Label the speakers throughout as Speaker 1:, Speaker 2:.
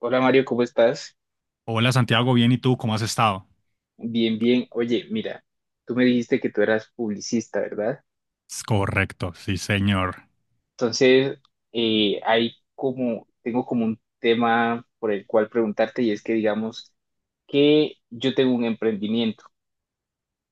Speaker 1: Hola Mario, ¿cómo estás?
Speaker 2: Hola Santiago, bien, ¿y tú cómo has estado?
Speaker 1: Bien, bien. Oye, mira, tú me dijiste que tú eras publicista, ¿verdad?
Speaker 2: Es correcto, sí señor.
Speaker 1: Entonces, hay como, tengo como un tema por el cual preguntarte y es que digamos que yo tengo un emprendimiento,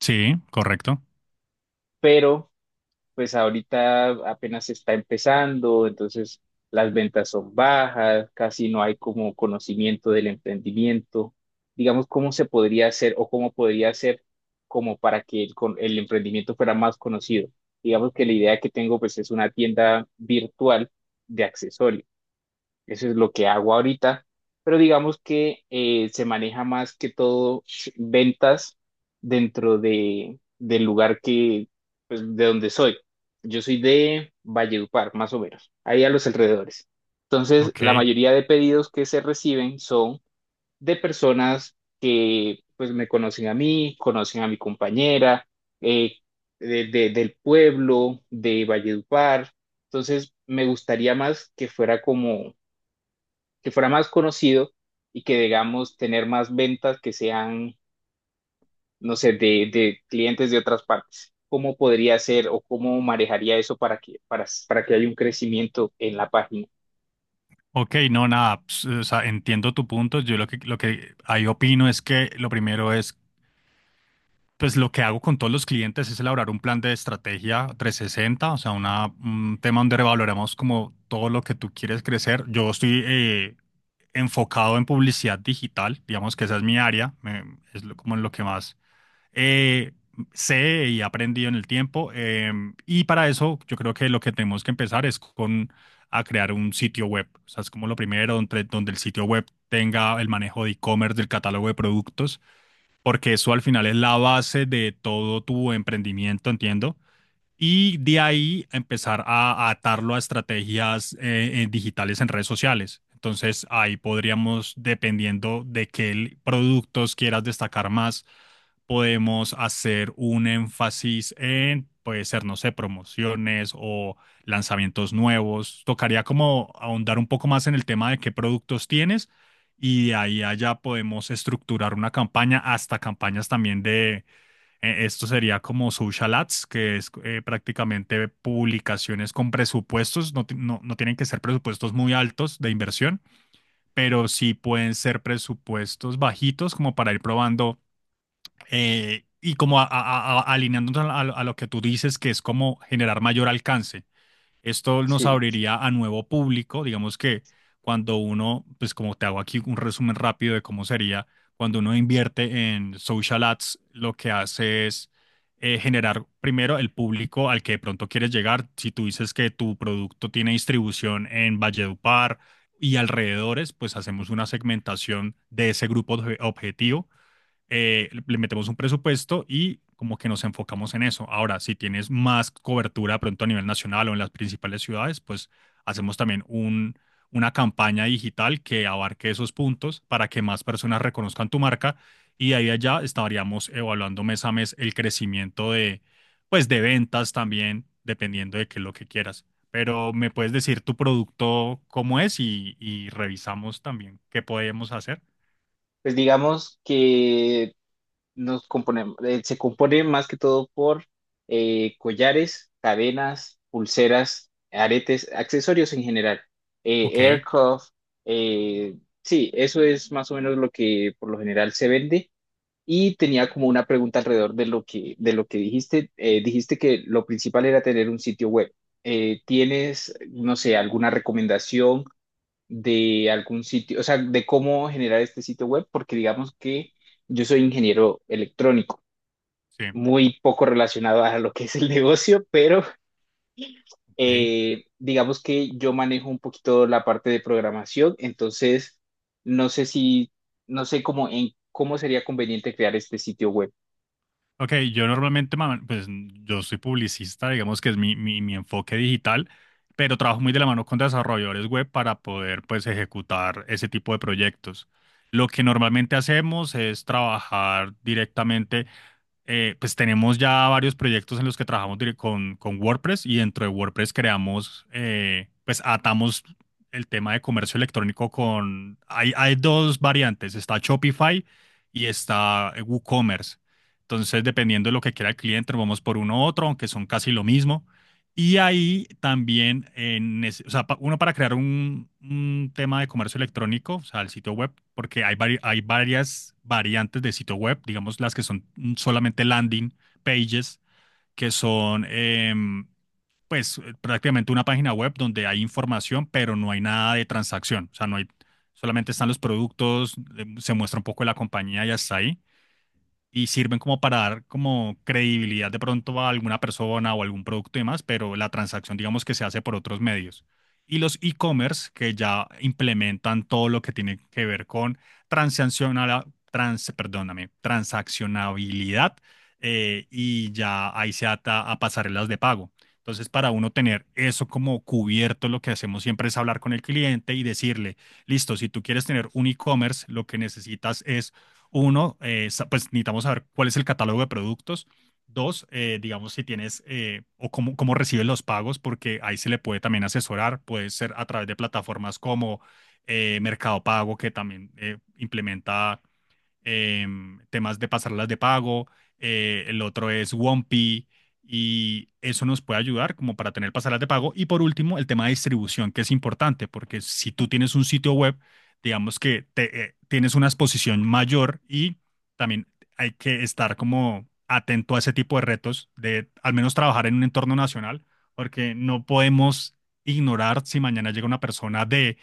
Speaker 2: Sí, correcto.
Speaker 1: pero pues ahorita apenas está empezando, entonces las ventas son bajas, casi no hay como conocimiento del emprendimiento. Digamos, ¿cómo se podría hacer o cómo podría hacer como para que el, el emprendimiento fuera más conocido? Digamos que la idea que tengo pues es una tienda virtual de accesorios. Eso es lo que hago ahorita, pero digamos que se maneja más que todo ventas dentro de, del lugar que, pues, de donde soy. Yo soy de Valledupar, más o menos, ahí a los alrededores. Entonces, la
Speaker 2: Ok.
Speaker 1: mayoría de pedidos que se reciben son de personas que, pues, me conocen a mí, conocen a mi compañera, eh, del pueblo, de Valledupar. Entonces, me gustaría más que fuera como que fuera más conocido y que, digamos, tener más ventas que sean, no sé, de clientes de otras partes. ¿Cómo podría ser o cómo manejaría eso para que, para que haya un crecimiento en la página?
Speaker 2: Ok, no, nada, pues, o sea, entiendo tu punto. Yo lo que ahí opino es que lo primero es, pues lo que hago con todos los clientes es elaborar un plan de estrategia 360, o sea, un tema donde revaloramos como todo lo que tú quieres crecer. Yo estoy enfocado en publicidad digital, digamos que esa es mi área, como en lo que más eh, sé y he aprendido en el tiempo. Y para eso, yo creo que lo que tenemos que empezar es con a crear un sitio web. O sea, es como lo primero, donde el sitio web tenga el manejo de e-commerce, del catálogo de productos, porque eso al final es la base de todo tu emprendimiento, entiendo, y de ahí empezar a atarlo a estrategias digitales en redes sociales. Entonces ahí podríamos, dependiendo de qué productos quieras destacar más, podemos hacer un énfasis en, puede ser, no sé, promociones o lanzamientos nuevos. Tocaría como ahondar un poco más en el tema de qué productos tienes y de ahí allá podemos estructurar una campaña hasta campañas también de esto sería como social ads, que es prácticamente publicaciones con presupuestos. No, no tienen que ser presupuestos muy altos de inversión, pero sí pueden ser presupuestos bajitos como para ir probando, y como alineándonos a lo que tú dices, que es como generar mayor alcance. Esto nos
Speaker 1: Sí,
Speaker 2: abriría a nuevo público. Digamos que cuando uno, pues como te hago aquí un resumen rápido de cómo sería, cuando uno invierte en social ads, lo que hace es, generar primero el público al que de pronto quieres llegar. Si tú dices que tu producto tiene distribución en Valledupar y alrededores, pues hacemos una segmentación de ese objetivo, le metemos un presupuesto y como que nos enfocamos en eso. Ahora, si tienes más cobertura pronto a nivel nacional o en las principales ciudades, pues hacemos también una campaña digital que abarque esos puntos para que más personas reconozcan tu marca, y de ahí a allá estaríamos evaluando mes a mes el crecimiento de, pues, de ventas también, dependiendo de qué es lo que quieras. Pero me puedes decir tu producto cómo es y revisamos también qué podemos hacer.
Speaker 1: pues digamos que nos componemos, se compone más que todo por collares, cadenas, pulseras, aretes, accesorios en general,
Speaker 2: Ok,
Speaker 1: aircraft, eh, sí, eso es más o menos lo que por lo general se vende. Y tenía como una pregunta alrededor de lo que dijiste. Dijiste que lo principal era tener un sitio web. ¿Tienes, no sé, alguna recomendación de algún sitio, o sea, de cómo generar este sitio web? Porque digamos que yo soy ingeniero electrónico,
Speaker 2: sí,
Speaker 1: muy poco relacionado a lo que es el negocio, pero
Speaker 2: ok.
Speaker 1: digamos que yo manejo un poquito la parte de programación, entonces no sé si, no sé cómo, cómo sería conveniente crear este sitio web.
Speaker 2: Ok, yo normalmente, pues yo soy publicista, digamos que es mi enfoque digital, pero trabajo muy de la mano con desarrolladores web para poder pues ejecutar ese tipo de proyectos. Lo que normalmente hacemos es trabajar directamente, pues tenemos ya varios proyectos en los que trabajamos con WordPress, y dentro de WordPress creamos, pues atamos el tema de comercio electrónico con, hay dos variantes, está Shopify y está WooCommerce. Entonces, dependiendo de lo que quiera el cliente, nos vamos por uno u otro, aunque son casi lo mismo. Y ahí también, o sea, uno para crear un tema de comercio electrónico, o sea, el sitio web, porque hay, hay varias variantes de sitio web, digamos las que son solamente landing pages, que son em, pues prácticamente una página web donde hay información, pero no hay nada de transacción, o sea, no hay, solamente están los productos, se muestra un poco de la compañía y hasta ahí, y sirven como para dar como credibilidad de pronto a alguna persona o algún producto y demás, pero la transacción digamos que se hace por otros medios. Y los e-commerce que ya implementan todo lo que tiene que ver con transaccional, trans, perdóname, transaccionabilidad, y ya ahí se ata a pasarelas de pago. Entonces, para uno tener eso como cubierto, lo que hacemos siempre es hablar con el cliente y decirle, listo, si tú quieres tener un e-commerce, lo que necesitas es uno, pues necesitamos saber cuál es el catálogo de productos. Dos, digamos si tienes o cómo recibes los pagos, porque ahí se le puede también asesorar. Puede ser a través de plataformas como Mercado Pago, que también implementa eh, temas de pasarlas de pago, el otro es Wompi, y eso nos puede ayudar como para tener pasarelas de pago. Y por último, el tema de distribución, que es importante, porque si tú tienes un sitio web, digamos que te, tienes una exposición mayor, y también hay que estar como atento a ese tipo de retos, de al menos trabajar en un entorno nacional, porque no podemos ignorar si mañana llega una persona de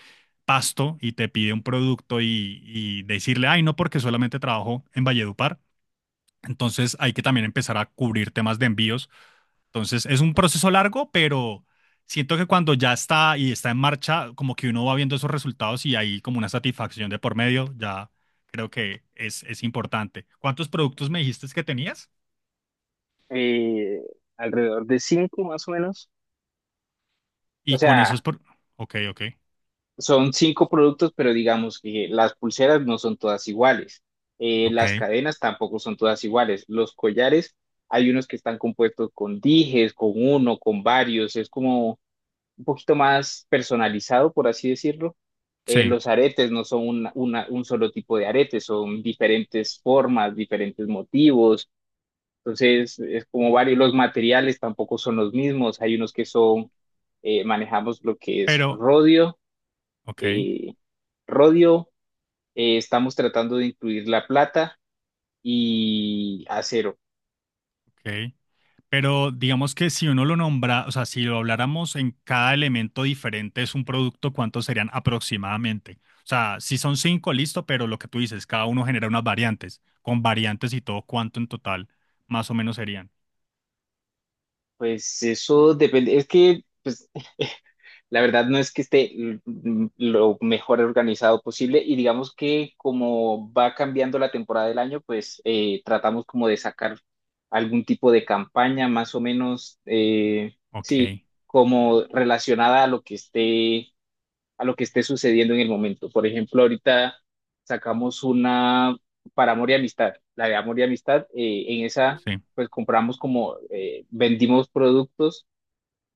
Speaker 2: Pasto y te pide un producto y decirle, ay, no, porque solamente trabajo en Valledupar. Entonces hay que también empezar a cubrir temas de envíos. Entonces es un proceso largo, pero siento que cuando ya está y está en marcha, como que uno va viendo esos resultados y hay como una satisfacción de por medio, ya creo que es importante. ¿Cuántos productos me dijiste que tenías?
Speaker 1: Eh, alrededor de cinco más o menos. O
Speaker 2: Y con esos...
Speaker 1: sea,
Speaker 2: Por... Ok, ok,
Speaker 1: son cinco productos, pero digamos que las pulseras no son todas iguales.
Speaker 2: ok,
Speaker 1: Las cadenas tampoco son todas iguales. Los collares, hay unos que están compuestos con dijes, con uno, con varios. Es como un poquito más personalizado, por así decirlo.
Speaker 2: sí,
Speaker 1: Los aretes no son un solo tipo de aretes, son diferentes formas, diferentes motivos. Entonces, es como varios, los materiales tampoco son los mismos. Hay unos que son, manejamos lo que es
Speaker 2: pero...
Speaker 1: rodio,
Speaker 2: Ok,
Speaker 1: eh, rodio, estamos tratando de incluir la plata y acero.
Speaker 2: ok. Pero digamos que si uno lo nombra, o sea, si lo habláramos en cada elemento diferente es un producto, ¿cuántos serían aproximadamente? O sea, si son cinco, listo, pero lo que tú dices, cada uno genera unas variantes. Con variantes y todo, ¿cuánto en total más o menos serían?
Speaker 1: Pues eso depende, es que pues, la verdad no es que esté lo mejor organizado posible y digamos que como va cambiando la temporada del año, pues tratamos como de sacar algún tipo de campaña más o menos, sí,
Speaker 2: Ok,
Speaker 1: como relacionada a lo que esté, a lo que esté sucediendo en el momento. Por ejemplo, ahorita sacamos una para amor y amistad, la de amor y amistad, en esa
Speaker 2: sí.
Speaker 1: pues compramos como, vendimos productos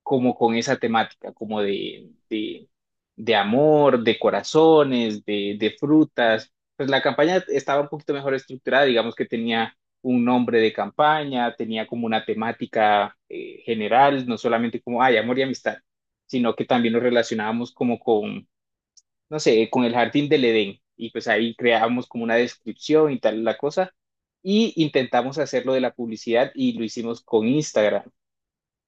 Speaker 1: como con esa temática, como de amor, de corazones, de frutas. Pues la campaña estaba un poquito mejor estructurada, digamos que tenía un nombre de campaña, tenía como una temática general, no solamente como, ay, amor y amistad, sino que también nos relacionábamos como con, no sé, con el jardín del Edén. Y pues ahí creábamos como una descripción y tal la cosa. Y intentamos hacerlo de la publicidad y lo hicimos con Instagram.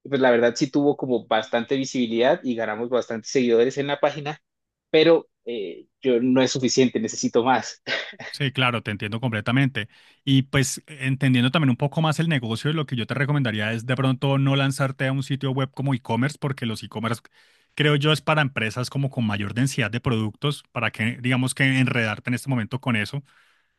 Speaker 1: Pues la verdad sí tuvo como bastante visibilidad y ganamos bastantes seguidores en la página, pero yo no es suficiente, necesito más.
Speaker 2: Sí, claro, te entiendo completamente. Y pues entendiendo también un poco más el negocio, lo que yo te recomendaría es de pronto no lanzarte a un sitio web como e-commerce, porque los e-commerce, creo yo, es para empresas como con mayor densidad de productos, para que, digamos que enredarte en este momento con eso,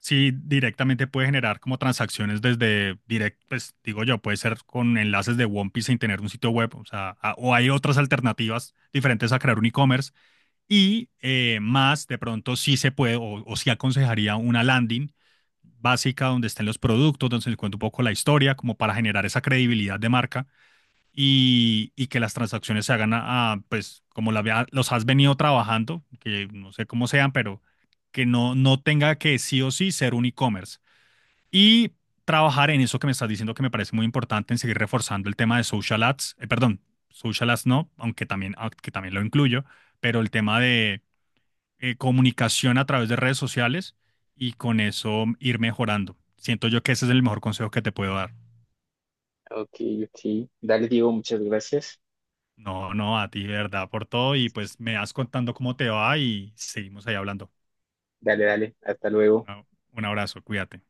Speaker 2: sí directamente puede generar como transacciones desde direct, pues digo yo, puede ser con enlaces de One Piece sin tener un sitio web, o sea, o hay otras alternativas diferentes a crear un e-commerce, y más, de pronto sí se puede o sí aconsejaría una landing básica donde estén los productos, donde se les cuente un poco la historia, como para generar esa credibilidad de marca y que las transacciones se hagan pues, como los has venido trabajando, que no sé cómo sean, pero que no tenga que sí o sí ser un e-commerce. Y trabajar en eso que me estás diciendo que me parece muy importante, en seguir reforzando el tema de social ads, perdón, social ads no, aunque también, ah, que también lo incluyo, pero el tema de comunicación a través de redes sociales, y con eso ir mejorando. Siento yo que ese es el mejor consejo que te puedo dar.
Speaker 1: Ok, ok. Dale, Diego, muchas gracias.
Speaker 2: No, no, a ti, de verdad, por todo, y pues me vas contando cómo te va y seguimos ahí hablando.
Speaker 1: Dale, dale, hasta luego.
Speaker 2: Una- un abrazo, cuídate.